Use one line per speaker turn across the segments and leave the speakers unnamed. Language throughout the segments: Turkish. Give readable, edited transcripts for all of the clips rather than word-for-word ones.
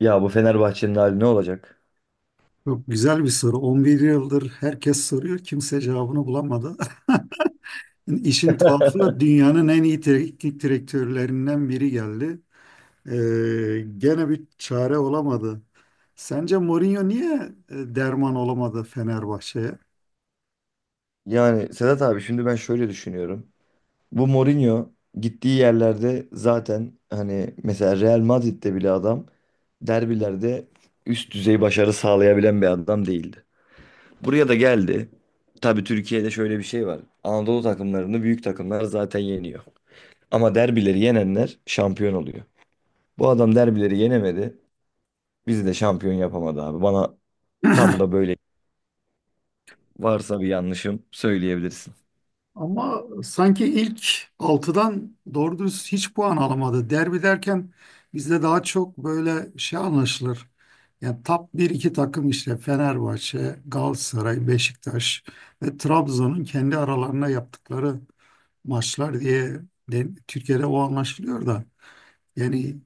Ya bu Fenerbahçe'nin hali ne olacak?
Çok güzel bir soru. 11 yıldır herkes soruyor, kimse cevabını bulamadı. İşin tuhafı da dünyanın en iyi teknik direktörlerinden biri geldi. Gene bir çare olamadı. Sence Mourinho niye derman olamadı Fenerbahçe'ye?
Yani Sedat abi şimdi ben şöyle düşünüyorum. Bu Mourinho gittiği yerlerde zaten hani mesela Real Madrid'de bile adam derbilerde üst düzey başarı sağlayabilen bir adam değildi. Buraya da geldi. Tabii Türkiye'de şöyle bir şey var. Anadolu takımlarını büyük takımlar zaten yeniyor. Ama derbileri yenenler şampiyon oluyor. Bu adam derbileri yenemedi. Bizi de şampiyon yapamadı abi. Bana tam da böyle varsa bir yanlışım söyleyebilirsin.
Ama sanki ilk altıdan doğru dürüst hiç puan alamadı. Derbi derken bizde daha çok böyle şey anlaşılır. Yani top bir iki takım işte Fenerbahçe, Galatasaray, Beşiktaş ve Trabzon'un kendi aralarına yaptıkları maçlar diye Türkiye'de o anlaşılıyor da. Yani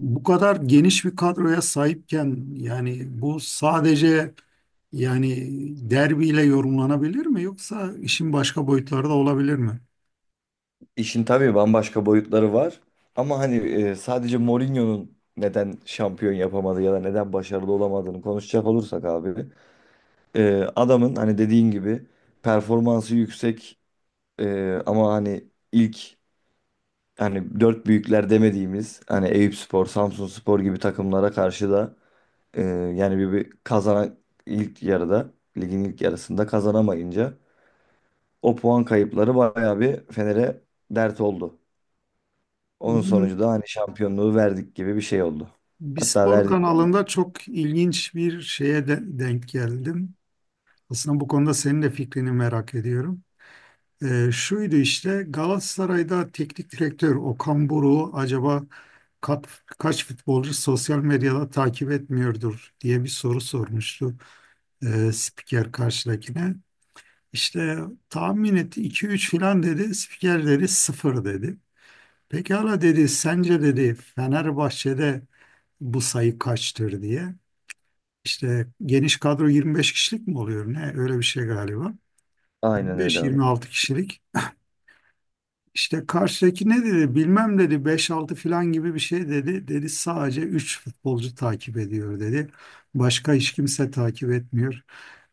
bu kadar geniş bir kadroya sahipken yani bu sadece yani derbiyle yorumlanabilir mi yoksa işin başka boyutları da olabilir mi?
İşin tabii bambaşka boyutları var. Ama hani sadece Mourinho'nun neden şampiyon yapamadı ya da neden başarılı olamadığını konuşacak olursak abi. Adamın hani dediğin gibi performansı yüksek, ama hani ilk hani dört büyükler demediğimiz hani Eyüpspor, Samsunspor gibi takımlara karşı da e, yani bir kazanan ilk yarıda ligin ilk yarısında kazanamayınca o puan kayıpları bayağı bir Fener'e dert oldu. Onun sonucu
Bugün
da hani şampiyonluğu verdik gibi bir şey oldu.
bir
Hatta
spor
verdik yani.
kanalında çok ilginç bir şeye denk geldim. Aslında bu konuda senin de fikrini merak ediyorum. Şuydu işte Galatasaray'da teknik direktör Okan Buruk'u acaba kaç futbolcu sosyal medyada takip etmiyordur diye bir soru sormuştu. Spiker karşıdakine. İşte tahmin etti 2-3 filan dedi. Spiker dedi 0 dedi. Pekala dedi sence dedi Fenerbahçe'de bu sayı kaçtır diye. İşte geniş kadro 25 kişilik mi oluyor ne? Öyle bir şey galiba.
Aynen öyle abi.
25-26 kişilik. İşte karşıdaki ne dedi bilmem dedi beş altı filan gibi bir şey dedi. Dedi sadece 3 futbolcu takip ediyor dedi. Başka hiç kimse takip etmiyor.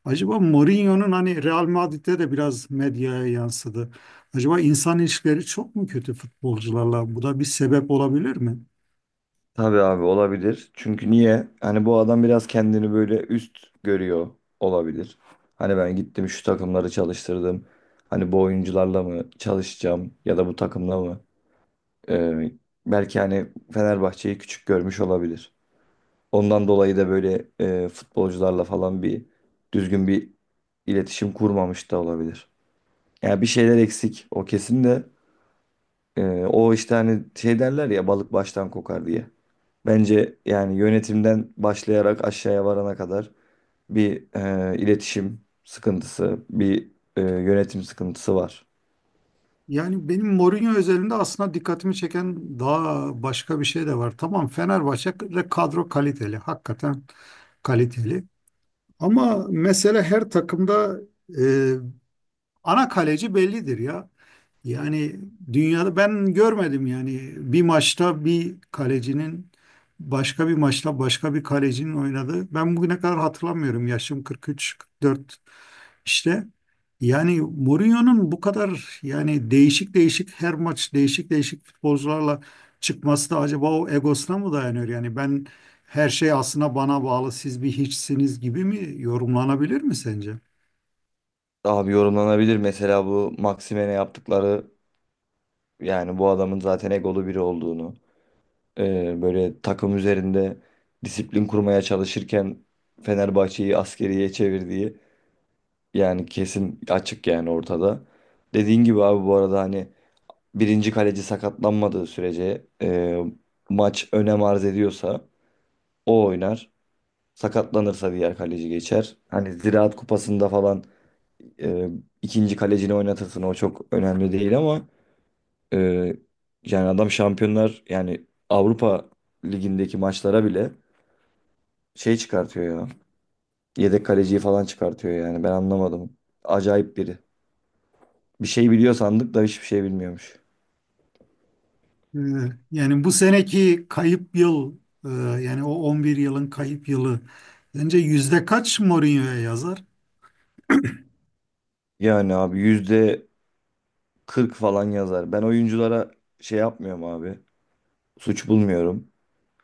Acaba Mourinho'nun hani Real Madrid'de de biraz medyaya yansıdı. Acaba insan ilişkileri çok mu kötü futbolcularla? Bu da bir sebep olabilir mi?
Tabii abi olabilir. Çünkü niye? Hani bu adam biraz kendini böyle üst görüyor olabilir. Hani ben gittim şu takımları çalıştırdım. Hani bu oyuncularla mı çalışacağım ya da bu takımla mı? Ee, Belki hani Fenerbahçe'yi küçük görmüş olabilir. Ondan dolayı da böyle futbolcularla falan bir düzgün bir iletişim kurmamış da olabilir. Yani bir şeyler eksik o kesin de. Ee, O işte hani şey derler ya balık baştan kokar diye. Bence yani yönetimden başlayarak aşağıya varana kadar bir iletişim sıkıntısı, bir yönetim sıkıntısı var.
Yani benim Mourinho özelinde aslında dikkatimi çeken daha başka bir şey de var. Tamam Fenerbahçe'de kadro kaliteli, hakikaten kaliteli. Ama mesele her takımda e, ana kaleci bellidir ya. Yani dünyada ben görmedim yani bir maçta bir kalecinin başka bir maçta başka bir kalecinin oynadığı. Ben bugüne kadar hatırlamıyorum. Yaşım 43-44 işte yani Mourinho'nun bu kadar yani değişik değişik her maç değişik değişik futbolcularla çıkması da acaba o egosuna mı dayanıyor? Yani ben her şey aslında bana bağlı siz bir hiçsiniz gibi mi yorumlanabilir mi sence?
Abi yorumlanabilir, mesela bu Maximen'e yaptıkları yani bu adamın zaten egolu biri olduğunu, böyle takım üzerinde disiplin kurmaya çalışırken Fenerbahçe'yi askeriye çevirdiği yani kesin, açık yani ortada. Dediğin gibi abi, bu arada hani birinci kaleci sakatlanmadığı sürece, maç önem arz ediyorsa o oynar. Sakatlanırsa diğer kaleci geçer. Hani Ziraat Kupası'nda falan e, ikinci kalecini oynatırsın, o çok önemli değil, ama e, yani adam şampiyonlar yani Avrupa Ligi'ndeki maçlara bile şey çıkartıyor ya. Yedek kaleciyi falan çıkartıyor yani ben anlamadım. Acayip biri. Bir şey biliyor sandık da hiçbir şey bilmiyormuş.
Ee, yani bu seneki kayıp yıl e, yani o 11 yılın kayıp yılı bence yüzde kaç Mourinho'ya yazar?
Yani abi yüzde 40 falan yazar. Ben oyunculara şey yapmıyorum abi. Suç bulmuyorum.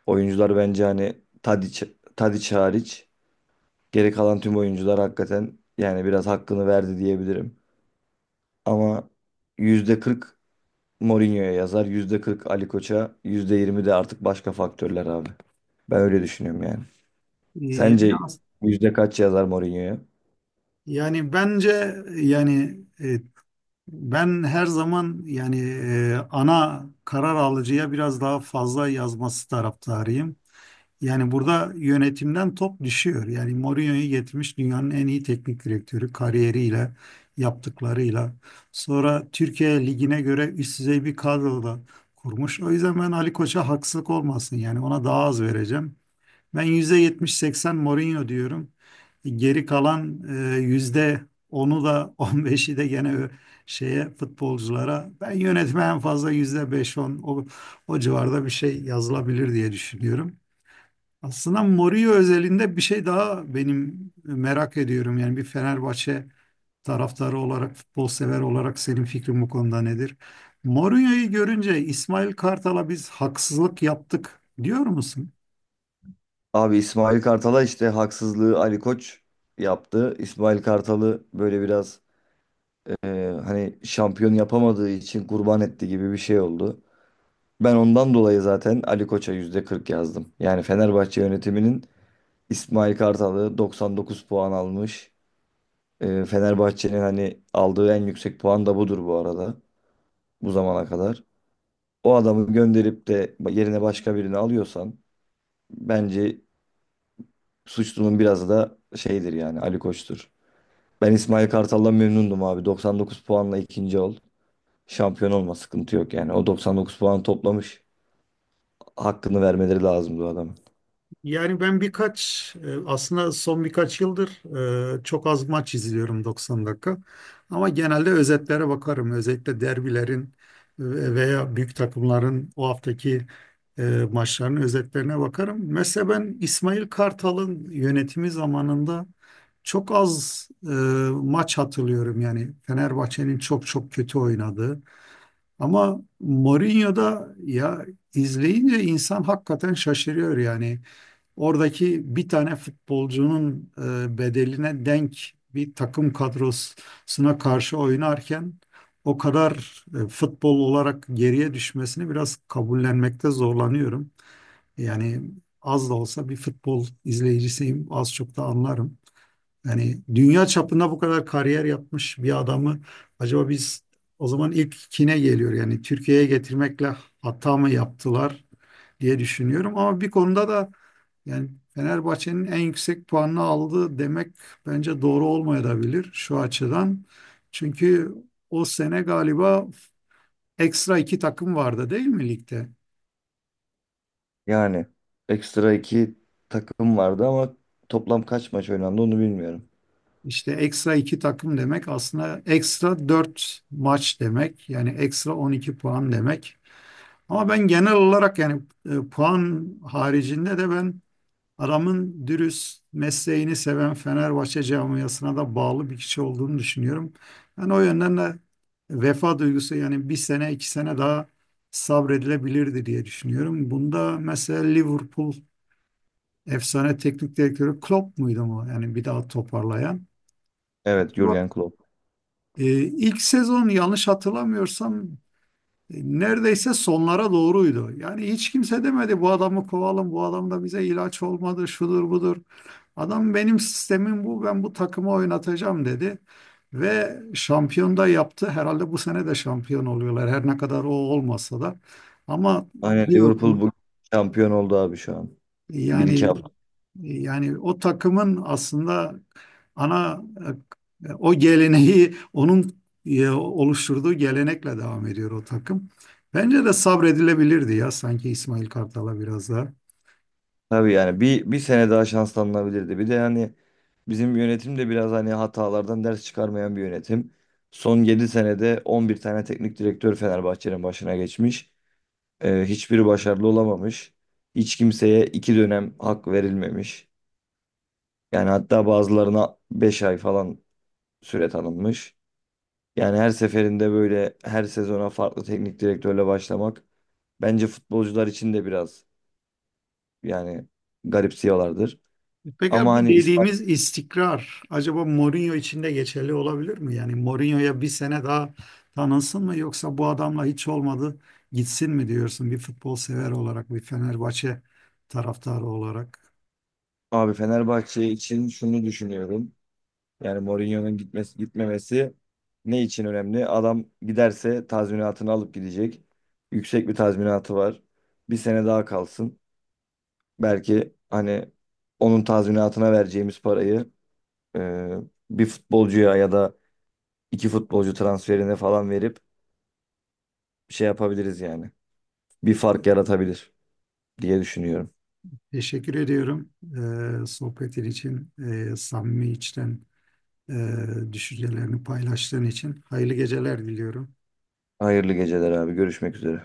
Oyuncular bence hani Tadiç, Tadiç hariç geri kalan tüm oyuncular hakikaten yani biraz hakkını verdi diyebilirim. Ama %40 Mourinho'ya yazar, %40 Ali Koç'a, %20 de artık başka faktörler abi. Ben öyle düşünüyorum yani.
Ee, yani,
Sence
as-
yüzde kaç yazar Mourinho'ya?
yani, bence yani ben her zaman yani ana karar alıcıya biraz daha fazla yazması taraftarıyım. Yani burada yönetimden top düşüyor. Yani Mourinho'yu getirmiş dünyanın en iyi teknik direktörü kariyeriyle, yaptıklarıyla. Sonra Türkiye Ligi'ne göre üst düzey bir kadro da kurmuş. O yüzden ben Ali Koç'a haksızlık olmasın. Yani ona daha az vereceğim. Ben %70-80 Mourinho diyorum. Geri kalan yüzde onu da 15'i de gene şeye futbolculara. Ben yönetme en fazla %5-10 o civarda bir şey yazılabilir diye düşünüyorum. Aslında Mourinho özelinde bir şey daha benim merak ediyorum. Yani bir Fenerbahçe taraftarı olarak, futbol sever olarak senin fikrin bu konuda nedir? Mourinho'yu görünce İsmail Kartal'a biz haksızlık yaptık diyor musun?
Abi İsmail Kartal'a işte haksızlığı Ali Koç yaptı. İsmail Kartal'ı böyle biraz, e, hani şampiyon yapamadığı için kurban etti gibi bir şey oldu. Ben ondan dolayı zaten Ali Koç'a %40 yazdım. Yani Fenerbahçe yönetiminin İsmail Kartal'ı 99 puan almış. E, Fenerbahçe'nin hani aldığı en yüksek puan da budur bu arada, bu zamana kadar. O adamı gönderip de yerine başka birini alıyorsan bence suçlunun biraz da şeydir yani Ali Koç'tur. Ben İsmail Kartal'dan memnundum abi. 99 puanla ikinci oldu. Şampiyon olma sıkıntı yok yani. O 99 puan toplamış. Hakkını vermeleri lazım bu adamın.
Yani ben birkaç aslında son birkaç yıldır çok az maç izliyorum 90 dakika. Ama genelde özetlere bakarım. Özellikle derbilerin veya büyük takımların o haftaki e, maçlarının özetlerine bakarım. Mesela ben İsmail Kartal'ın yönetimi zamanında çok az maç hatırlıyorum. Yani Fenerbahçe'nin çok çok kötü oynadığı. Ama Mourinho'da ya izleyince insan hakikaten şaşırıyor yani. Oradaki bir tane futbolcunun bedeline denk bir takım kadrosuna karşı oynarken o kadar futbol olarak geriye düşmesini biraz kabullenmekte zorlanıyorum. Yani az da olsa bir futbol izleyicisiyim, az çok da anlarım. Yani dünya çapında bu kadar kariyer yapmış bir adamı acaba biz o zaman ilk kine geliyor yani Türkiye'ye getirmekle hata mı yaptılar diye düşünüyorum. Ama bir konuda da yani Fenerbahçe'nin en yüksek puanını aldı demek bence doğru olmayabilir şu açıdan. Çünkü o sene galiba ekstra iki takım vardı değil mi ligde?
Yani ekstra iki takım vardı ama toplam kaç maç oynandı onu bilmiyorum.
İşte ekstra iki takım demek aslında ekstra dört maç demek. Yani ekstra 12 puan demek. Ama ben genel olarak yani puan haricinde de ben adamın dürüst mesleğini seven Fenerbahçe camiasına da bağlı bir kişi olduğunu düşünüyorum. Ben o yönden de vefa duygusu yani bir sene iki sene daha sabredilebilirdi diye düşünüyorum. Bunda mesela Liverpool efsane teknik direktörü Klopp muydu mu? Yani bir daha toparlayan.
Evet,
Bu-
Jürgen Klopp.
Ee, ilk sezon yanlış hatırlamıyorsam neredeyse sonlara doğruydu. Yani hiç kimse demedi bu adamı kovalım, bu adam da bize ilaç olmadı, şudur budur. Adam benim sistemim bu, ben bu takımı oynatacağım dedi. Ve şampiyon da yaptı. Herhalde bu sene de şampiyon oluyorlar. Her ne kadar o olmasa da. Ama
Aynen,
bir
Liverpool
okul
bu şampiyon oldu abi şu an. Bir iki
yani
hafta.
yani o takımın aslında ana o geleneği onun oluşturduğu gelenekle devam ediyor o takım. Bence de sabredilebilirdi ya sanki İsmail Kartal'a biraz daha.
Tabii yani bir sene daha şanslanılabilirdi. Bir de yani bizim yönetim de biraz hani hatalardan ders çıkarmayan bir yönetim. Son 7 senede 11 tane teknik direktör Fenerbahçe'nin başına geçmiş. Hiçbiri başarılı olamamış. Hiç kimseye iki dönem hak verilmemiş. Yani hatta bazılarına 5 ay falan süre tanınmış. Yani her seferinde böyle her sezona farklı teknik direktörle başlamak bence futbolcular için de biraz yani garipsiyorlardır.
Peki
Ama
bu
hani İspanya
dediğimiz istikrar acaba Mourinho için de geçerli olabilir mi? Yani Mourinho'ya bir sene daha tanınsın mı yoksa bu adamla hiç olmadı gitsin mi diyorsun bir futbol sever olarak bir Fenerbahçe taraftarı olarak?
abi Fenerbahçe için şunu düşünüyorum. Yani Mourinho'nun gitmesi gitmemesi ne için önemli? Adam giderse tazminatını alıp gidecek. Yüksek bir tazminatı var. Bir sene daha kalsın. Belki hani onun tazminatına vereceğimiz parayı e, bir futbolcuya ya da iki futbolcu transferine falan verip şey yapabiliriz yani. Bir fark yaratabilir diye düşünüyorum.
Teşekkür ediyorum sohbetin için, samimi içten eee, düşüncelerini paylaştığın için. Hayırlı geceler diliyorum.
Hayırlı geceler abi. Görüşmek üzere.